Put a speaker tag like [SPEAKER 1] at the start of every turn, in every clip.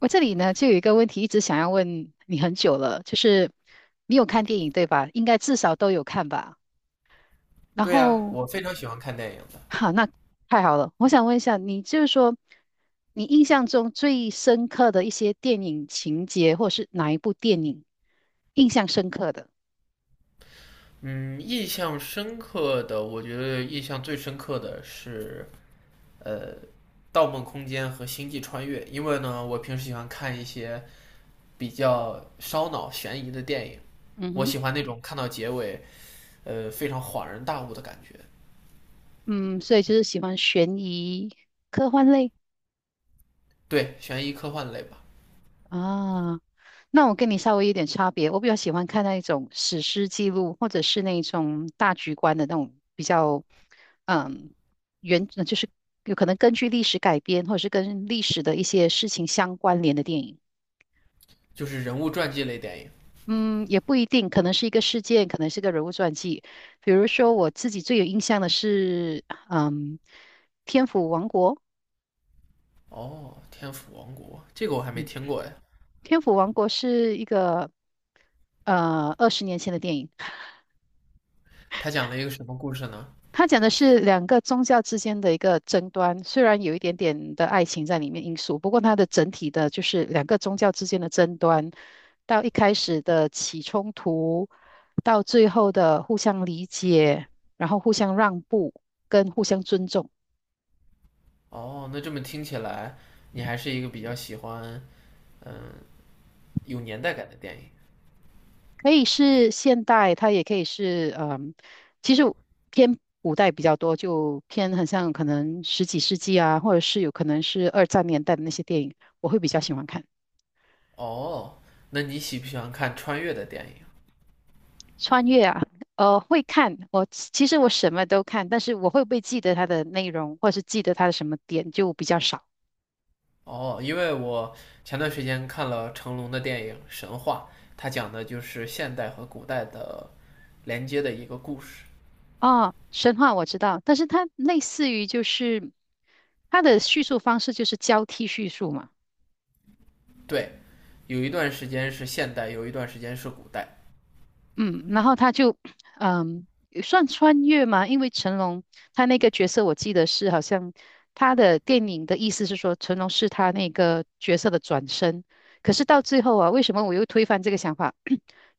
[SPEAKER 1] 我这里呢，就有一个问题一直想要问你很久了，就是你有看电影对吧？应该至少都有看吧。然
[SPEAKER 2] 对呀，
[SPEAKER 1] 后，
[SPEAKER 2] 我非常喜欢看电影的。
[SPEAKER 1] 哈，那太好了。我想问一下，你就是说，你印象中最深刻的一些电影情节，或是哪一部电影印象深刻的？
[SPEAKER 2] 嗯，印象深刻的，我觉得印象最深刻的是呃，《盗梦空间》和《星际穿越》，因为呢，我平时喜欢看一些比较烧脑悬疑的电影，
[SPEAKER 1] 嗯
[SPEAKER 2] 我
[SPEAKER 1] 哼，
[SPEAKER 2] 喜欢那种看到结尾非常恍然大悟的感觉。
[SPEAKER 1] 嗯，所以就是喜欢悬疑、科幻类
[SPEAKER 2] 对，悬疑科幻类吧，
[SPEAKER 1] 啊。那我跟你稍微有点差别，我比较喜欢看那一种史诗记录，或者是那一种大局观的那种比较，嗯，就是有可能根据历史改编，或者是跟历史的一些事情相关联的电影。
[SPEAKER 2] 就是人物传记类电影。
[SPEAKER 1] 嗯，也不一定，可能是一个事件，可能是个人物传记。比如说，我自己最有印象的是，嗯，《天府王国》。
[SPEAKER 2] 哦，《天府王国》这个我还没听过呀，
[SPEAKER 1] 《天府王国》是一个二十年前的电影，
[SPEAKER 2] 它讲了一个什么故事呢？
[SPEAKER 1] 他讲的是两个宗教之间的一个争端，虽然有一点点的爱情在里面因素，不过它的整体的就是两个宗教之间的争端，到一开始的起冲突，到最后的互相理解，然后互相让步跟互相尊重，
[SPEAKER 2] 哦，那这么听起来，你还是一个比较喜欢。有年代感的电影。
[SPEAKER 1] 可以是现代，它也可以是嗯，其实偏古代比较多，就偏很像可能十几世纪啊，或者是有可能是二战年代的那些电影，我会比较喜欢看。
[SPEAKER 2] 哦，那你喜不喜欢看穿越的电影？
[SPEAKER 1] 穿越啊，会看。我其实我什么都看，但是我会不会记得它的内容，或是记得它的什么点，就比较少。
[SPEAKER 2] 哦，因为我前段时间看了成龙的电影《神话》，它讲的就是现代和古代的连接的一个故事。
[SPEAKER 1] 啊。神话我知道，但是它类似于就是它的叙述方式就是交替叙述嘛，
[SPEAKER 2] 对，有一段时间是现代，有一段时间是古代。
[SPEAKER 1] 嗯，然后它就嗯算穿越嘛，因为成龙他那个角色我记得是好像他的电影的意思是说成龙是他那个角色的转身，可是到最后啊，为什么我又推翻这个想法？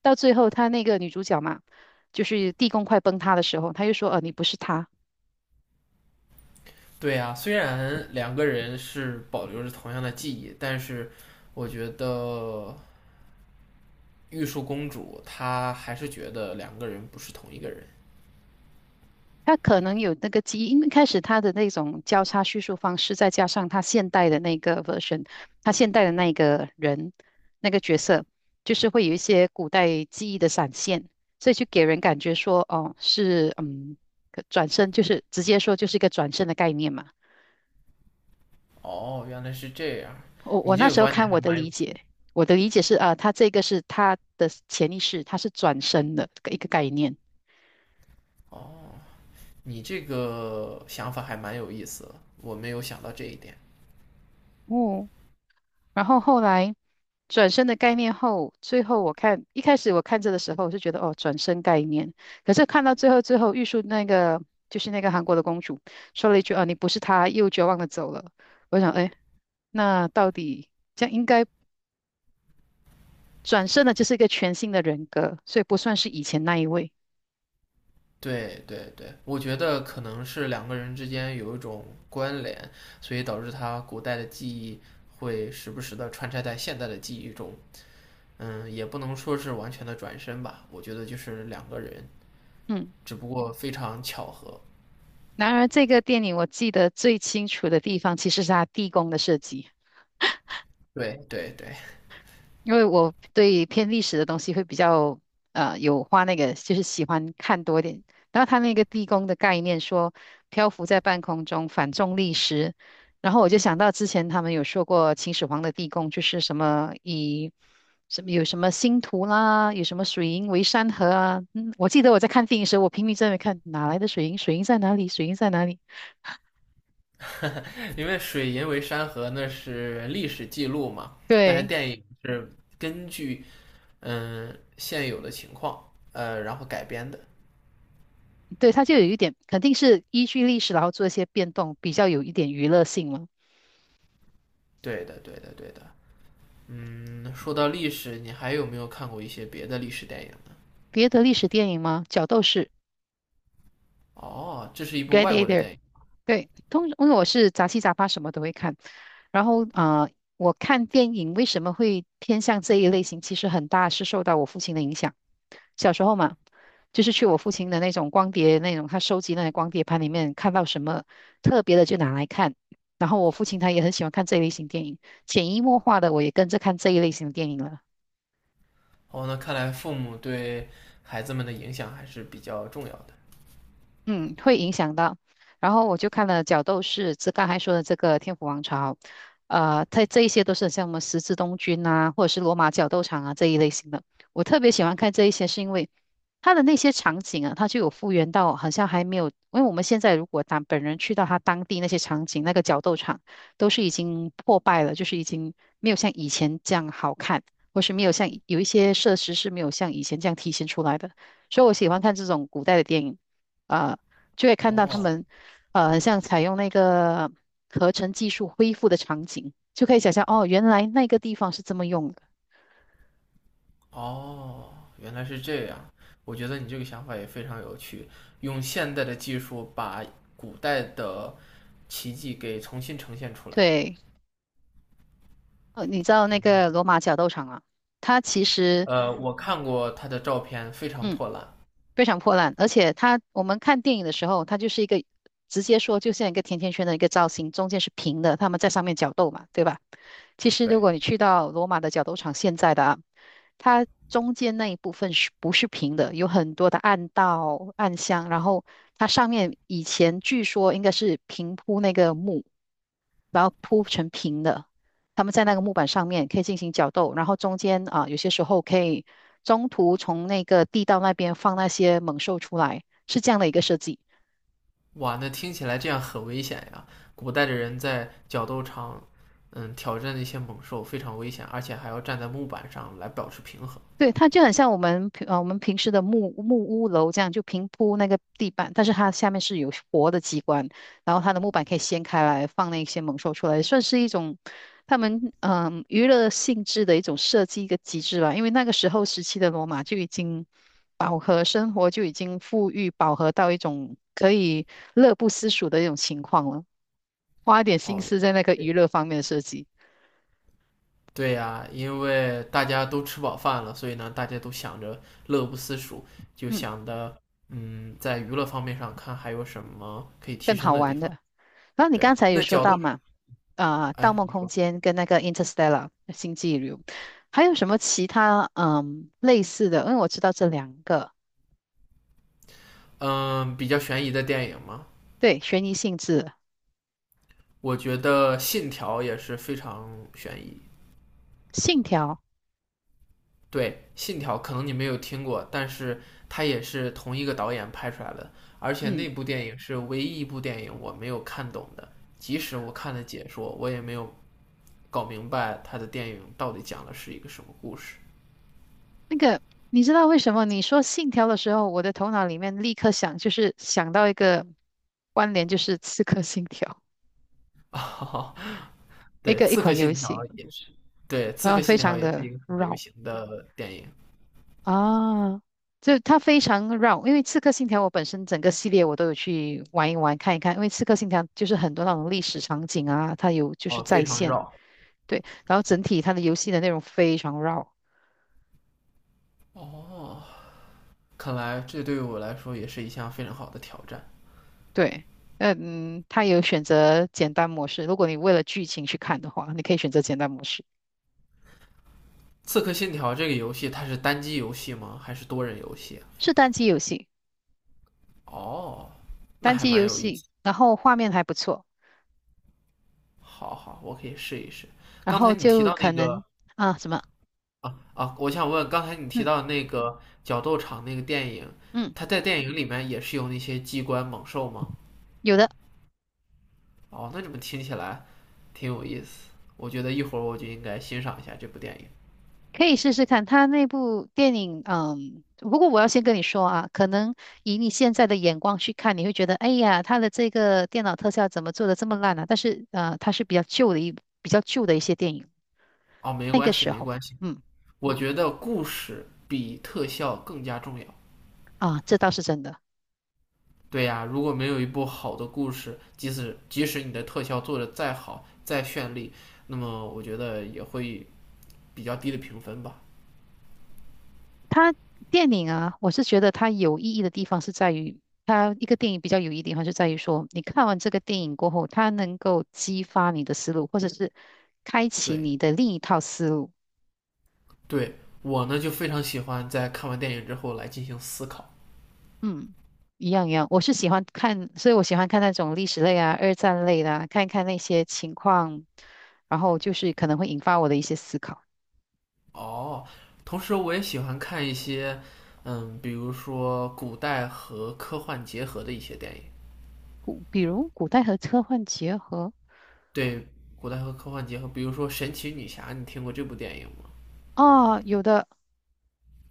[SPEAKER 1] 到最后，她那个女主角嘛，就是地宫快崩塌的时候，她又说：你不是她。”
[SPEAKER 2] 对啊，虽然两个人是保留着同样的记忆，但是我觉得玉树公主她还是觉得两个人不是同一个人。
[SPEAKER 1] 她可能有那个记忆，因为开始她的那种交叉叙述方式，再加上她现代的那个 version，她现代的那个人那个角色，就是会有一些古代记忆的闪现，所以就给人感觉说，哦，是嗯，可转身就是直接说就是一个转身的概念嘛。
[SPEAKER 2] 哦，原来是这样，
[SPEAKER 1] 我
[SPEAKER 2] 你
[SPEAKER 1] 我
[SPEAKER 2] 这
[SPEAKER 1] 那
[SPEAKER 2] 个
[SPEAKER 1] 时候
[SPEAKER 2] 观点
[SPEAKER 1] 看
[SPEAKER 2] 还
[SPEAKER 1] 我的
[SPEAKER 2] 蛮有
[SPEAKER 1] 理解。我的理解是，啊，他这个是他的潜意识，他是转身的一个概念。
[SPEAKER 2] 哦，你这个想法还蛮有意思的，我没有想到这一点。
[SPEAKER 1] 哦，然后后来转身的概念后，最后我看一开始我看着的时候，我就觉得哦，转身概念。可是看到最后，最后玉树那个就是那个韩国的公主说了一句：“哦，你不是她。”又绝望的走了。我想，哎，那到底这样应该转身的，就是一个全新的人格，所以不算是以前那一位。
[SPEAKER 2] 对对对，我觉得可能是两个人之间有一种关联，所以导致他古代的记忆会时不时的穿插在现代的记忆中。嗯，也不能说是完全的转身吧，我觉得就是两个人，
[SPEAKER 1] 嗯，
[SPEAKER 2] 只不过非常巧合。
[SPEAKER 1] 然而这个电影我记得最清楚的地方，其实是它地宫的设计。
[SPEAKER 2] 对对对，
[SPEAKER 1] 因为我对偏历史的东西会比较有花那个，就是喜欢看多一点。然后他那个地宫的概念说漂浮在半空中，反重力时，然后我就想到之前他们有说过秦始皇的地宫就是什么以什么有什么星图啦，有什么水银为山河啊。嗯，我记得我在看电影时候，我拼命在那边看哪来的水银，水银在哪里，水银在哪里？
[SPEAKER 2] 因为“水银为山河”那是历史记录嘛，但是
[SPEAKER 1] 对
[SPEAKER 2] 电影是根据现有的情况，然后改编的。
[SPEAKER 1] 对，它就有一点肯定是依据历史然后做一些变动，比较有一点娱乐性了。
[SPEAKER 2] 对的，对的，对的。嗯，说到历史，你还有没有看过一些别的历史电影呢？
[SPEAKER 1] 别的历史电影吗？角斗士（
[SPEAKER 2] 哦，这是一部外国的
[SPEAKER 1] （Gladiator）。
[SPEAKER 2] 电影。
[SPEAKER 1] 对，通因为我是杂七杂八什么都会看，然后我看电影为什么会偏向这一类型？其实很大是受到我父亲的影响。小时候嘛，就是去我父亲的那种光碟，那种他收集那些光碟盘里面看到什么特别的就拿来看。然后我父亲他也很喜欢看这一类型电影，潜移默化的我也跟着看这一类型的电影了。
[SPEAKER 2] 哦，那看来父母对孩子们的影响还是比较重要的。
[SPEAKER 1] 嗯，会影响到。然后我就看了角斗士，这刚才说的这个天府王朝，它这一些都是像我们十字东军啊，或者是罗马角斗场啊这一类型的。我特别喜欢看这一些，是因为它的那些场景啊，它就有复原到，好像还没有，因为我们现在如果当本人去到它当地那些场景，那个角斗场都是已经破败了，就是已经没有像以前这样好看，或是没有像有一些设施是没有像以前这样体现出来的。所以我喜欢看这种古代的电影。啊，就会看到他
[SPEAKER 2] 哦
[SPEAKER 1] 们很像采用那个合成技术恢复的场景，就可以想象哦，原来那个地方是这么用的。
[SPEAKER 2] 哦，原来是这样。我觉得你这个想法也非常有趣，用现代的技术把古代的奇迹给重新呈现出来。
[SPEAKER 1] 对，你知道那个罗马角斗场啊，它其实
[SPEAKER 2] 我看过他的照片，非常
[SPEAKER 1] 嗯
[SPEAKER 2] 破烂。
[SPEAKER 1] 非常破烂，而且它我们看电影的时候，它就是一个直接说就像一个甜甜圈的一个造型，中间是平的，他们在上面角斗嘛，对吧？其实
[SPEAKER 2] 对。
[SPEAKER 1] 如果你去到罗马的角斗场现在的啊，它中间那一部分是不是平的？有很多的暗道、暗箱，然后它上面以前据说应该是平铺那个木，然后铺成平的。他们在那个木板上面可以进行角斗，然后中间啊，有些时候可以中途从那个地道那边放那些猛兽出来，是这样的一个设计。
[SPEAKER 2] 哇，那听起来这样很危险呀！古代的人在角斗场，嗯，挑战那些猛兽非常危险，而且还要站在木板上来保持平衡。
[SPEAKER 1] 对，它就很像我们平时的木屋楼这样，就平铺那个地板，但是它下面是有活的机关，然后它的木板可以掀开来放那些猛兽出来，算是一种他们娱乐性质的一种设计一个机制吧。因为那个时候时期的罗马就已经饱和生活就已经富裕饱和到一种可以乐不思蜀的一种情况了，花一点心
[SPEAKER 2] 哦，原
[SPEAKER 1] 思在那个娱
[SPEAKER 2] 对
[SPEAKER 1] 乐方面的设计，
[SPEAKER 2] 对呀，因为大家都吃饱饭了，所以呢，大家都想着乐不思蜀，就
[SPEAKER 1] 嗯，
[SPEAKER 2] 想着，嗯，在娱乐方面上看还有什么可以提
[SPEAKER 1] 更
[SPEAKER 2] 升
[SPEAKER 1] 好
[SPEAKER 2] 的地
[SPEAKER 1] 玩
[SPEAKER 2] 方。
[SPEAKER 1] 的。然后你
[SPEAKER 2] 对，
[SPEAKER 1] 刚才有
[SPEAKER 2] 那
[SPEAKER 1] 说
[SPEAKER 2] 角斗，
[SPEAKER 1] 到嘛，啊、盗
[SPEAKER 2] 哎，
[SPEAKER 1] 梦空间》跟那个《Interstellar》《星际旅游》，还有什么其他类似的？因为我知道这两个，
[SPEAKER 2] 嗯，比较悬疑的电影嘛，
[SPEAKER 1] 对，悬疑性质，
[SPEAKER 2] 我觉得《信条》也是非常悬疑。
[SPEAKER 1] 《信条》，
[SPEAKER 2] 对，《信条》可能你没有听过，但是它也是同一个导演拍出来的，而且
[SPEAKER 1] 嗯，
[SPEAKER 2] 那部电影是唯一一部电影我没有看懂的，即使我看了解说，我也没有搞明白他的电影到底讲的是一个什么故事。
[SPEAKER 1] 那个你知道为什么你说《信条》的时候，我的头脑里面立刻想，就是想到一个关联，就是《刺客信条》一
[SPEAKER 2] 对，
[SPEAKER 1] 个一
[SPEAKER 2] 《刺客
[SPEAKER 1] 款游
[SPEAKER 2] 信条》
[SPEAKER 1] 戏，
[SPEAKER 2] 也是，对，《刺
[SPEAKER 1] 然后
[SPEAKER 2] 客
[SPEAKER 1] 非
[SPEAKER 2] 信条》
[SPEAKER 1] 常
[SPEAKER 2] 也是
[SPEAKER 1] 的
[SPEAKER 2] 一个很流
[SPEAKER 1] 绕。
[SPEAKER 2] 行的电影，
[SPEAKER 1] 啊，就它非常绕，因为《刺客信条》我本身整个系列我都有去玩一玩看一看，因为《刺客信条》就是很多那种历史场景啊，它有就是
[SPEAKER 2] 哦，
[SPEAKER 1] 再
[SPEAKER 2] 非常
[SPEAKER 1] 现，
[SPEAKER 2] 绕。
[SPEAKER 1] 对，然后整体它的游戏的内容非常绕，
[SPEAKER 2] 哦，看来这对于我来说也是一项非常好的挑战。
[SPEAKER 1] 对，嗯，它有选择简单模式，如果你为了剧情去看的话，你可以选择简单模式，
[SPEAKER 2] 《刺客信条》这个游戏它是单机游戏吗？还是多人游戏啊，
[SPEAKER 1] 是单机游戏，
[SPEAKER 2] 哦，那
[SPEAKER 1] 单
[SPEAKER 2] 还
[SPEAKER 1] 机
[SPEAKER 2] 蛮
[SPEAKER 1] 游
[SPEAKER 2] 有意
[SPEAKER 1] 戏，
[SPEAKER 2] 思。
[SPEAKER 1] 然后画面还不错，
[SPEAKER 2] 好好，我可以试一试。
[SPEAKER 1] 然
[SPEAKER 2] 刚
[SPEAKER 1] 后
[SPEAKER 2] 才你提
[SPEAKER 1] 就
[SPEAKER 2] 到
[SPEAKER 1] 可
[SPEAKER 2] 那个
[SPEAKER 1] 能啊什么，
[SPEAKER 2] 啊啊，我想问，刚才你提
[SPEAKER 1] 嗯
[SPEAKER 2] 到那个角斗场那个电影，
[SPEAKER 1] 嗯，
[SPEAKER 2] 它在电影里面也是有那些机关猛兽吗？
[SPEAKER 1] 有的。
[SPEAKER 2] 哦，那怎么听起来挺有意思？我觉得一会儿我就应该欣赏一下这部电影。
[SPEAKER 1] 可以试试看，他那部电影，嗯，不过我要先跟你说啊，可能以你现在的眼光去看，你会觉得，哎呀，他的这个电脑特效怎么做的这么烂啊？但是，它是比较旧的一些电影，
[SPEAKER 2] 哦，没
[SPEAKER 1] 那
[SPEAKER 2] 关
[SPEAKER 1] 个
[SPEAKER 2] 系，
[SPEAKER 1] 时
[SPEAKER 2] 没
[SPEAKER 1] 候，
[SPEAKER 2] 关系。
[SPEAKER 1] 嗯，
[SPEAKER 2] 我觉得故事比特效更加重要。
[SPEAKER 1] 啊，这倒是真的。
[SPEAKER 2] 对呀、如果没有一部好的故事，即使你的特效做的再好、再绚丽，那么我觉得也会比较低的评分吧。
[SPEAKER 1] 它电影啊，我是觉得它有意义的地方是在于，它一个电影比较有意义的地方是在于说，你看完这个电影过后，它能够激发你的思路，或者是开启
[SPEAKER 2] 对，
[SPEAKER 1] 你的另一套思路。
[SPEAKER 2] 对我呢就非常喜欢在看完电影之后来进行思考。
[SPEAKER 1] 嗯，一样一样，我是喜欢看，所以我喜欢看那种历史类啊、二战类的啊，看一看那些情况，然后就是可能会引发我的一些思考，
[SPEAKER 2] 哦，同时我也喜欢看一些，嗯，比如说古代和科幻结合的一些电影。
[SPEAKER 1] 古，比如古代和科幻结合
[SPEAKER 2] 对，古代和科幻结合，比如说《神奇女侠》，你听过这部电影吗？
[SPEAKER 1] 啊，有的，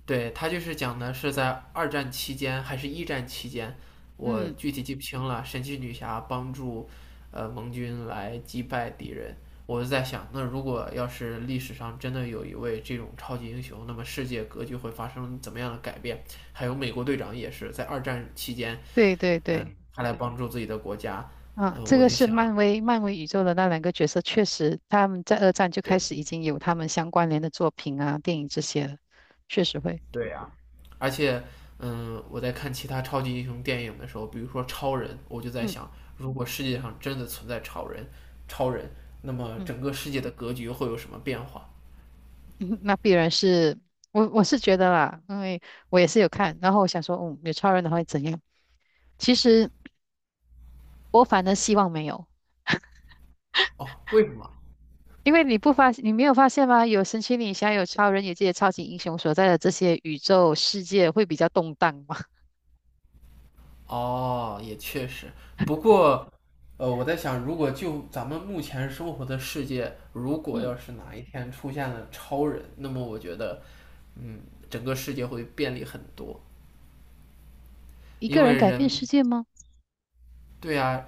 [SPEAKER 2] 对，他就是讲的是在二战期间还是一战期间，我
[SPEAKER 1] 嗯，
[SPEAKER 2] 具体记不清了。神奇女侠帮助盟军来击败敌人。我就在想，那如果要是历史上真的有一位这种超级英雄，那么世界格局会发生怎么样的改变？还有美国队长也是在二战期间，
[SPEAKER 1] 对对
[SPEAKER 2] 嗯、
[SPEAKER 1] 对，
[SPEAKER 2] 他来帮助自己的国家，
[SPEAKER 1] 啊，
[SPEAKER 2] 嗯、
[SPEAKER 1] 这
[SPEAKER 2] 我
[SPEAKER 1] 个
[SPEAKER 2] 就
[SPEAKER 1] 是
[SPEAKER 2] 想，
[SPEAKER 1] 漫威宇宙的那两个角色，确实他们在二战就开
[SPEAKER 2] 对，
[SPEAKER 1] 始已经有他们相关联的作品啊、电影这些了，确实会，
[SPEAKER 2] 对呀、而且，嗯，我在看其他超级英雄电影的时候，比如说超人，我就在
[SPEAKER 1] 嗯
[SPEAKER 2] 想，如果世界上真的存在超人，超人，那么
[SPEAKER 1] 嗯。
[SPEAKER 2] 整个世界的格局会有什么变化？
[SPEAKER 1] 那必然是我是觉得啦，因为我也是有看，然后我想说，嗯，有超人的话会怎样？其实我反而希望没有，
[SPEAKER 2] 哦，为什么？
[SPEAKER 1] 因为你没有发现吗？有神奇女侠，有超人，有这些超级英雄所在的这些宇宙世界会比较动荡吗？
[SPEAKER 2] 哦，也确实。不过，我在想，如果就咱们目前生活的世界，如果
[SPEAKER 1] 嗯，
[SPEAKER 2] 要是哪一天出现了超人，那么我觉得，嗯，整个世界会便利很多，
[SPEAKER 1] 一
[SPEAKER 2] 因
[SPEAKER 1] 个人
[SPEAKER 2] 为
[SPEAKER 1] 改变世
[SPEAKER 2] 人，
[SPEAKER 1] 界吗？
[SPEAKER 2] 对呀，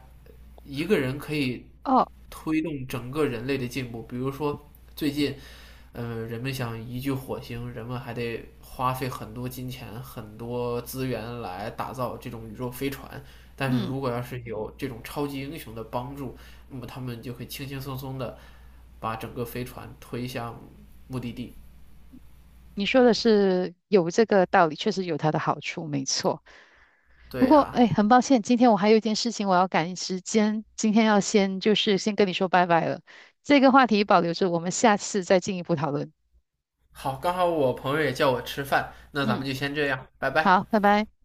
[SPEAKER 2] 一个人可以
[SPEAKER 1] 哦，
[SPEAKER 2] 推动整个人类的进步。比如说，最近，人们想移居火星，人们还得花费很多金钱、很多资源来打造这种宇宙飞船。但是
[SPEAKER 1] 嗯，
[SPEAKER 2] 如果要是有这种超级英雄的帮助，那么他们就会轻轻松松的把整个飞船推向目的地。
[SPEAKER 1] 你说的是有这个道理，确实有它的好处，没错。不
[SPEAKER 2] 对
[SPEAKER 1] 过，
[SPEAKER 2] 呀、
[SPEAKER 1] 哎，很抱歉，今天我还有一件事情我要赶时间，今天要先就是先跟你说拜拜了。这个话题保留着，我们下次再进一步讨论。
[SPEAKER 2] 好，刚好我朋友也叫我吃饭，那咱们
[SPEAKER 1] 嗯，
[SPEAKER 2] 就先这样，拜拜。
[SPEAKER 1] 好，拜拜。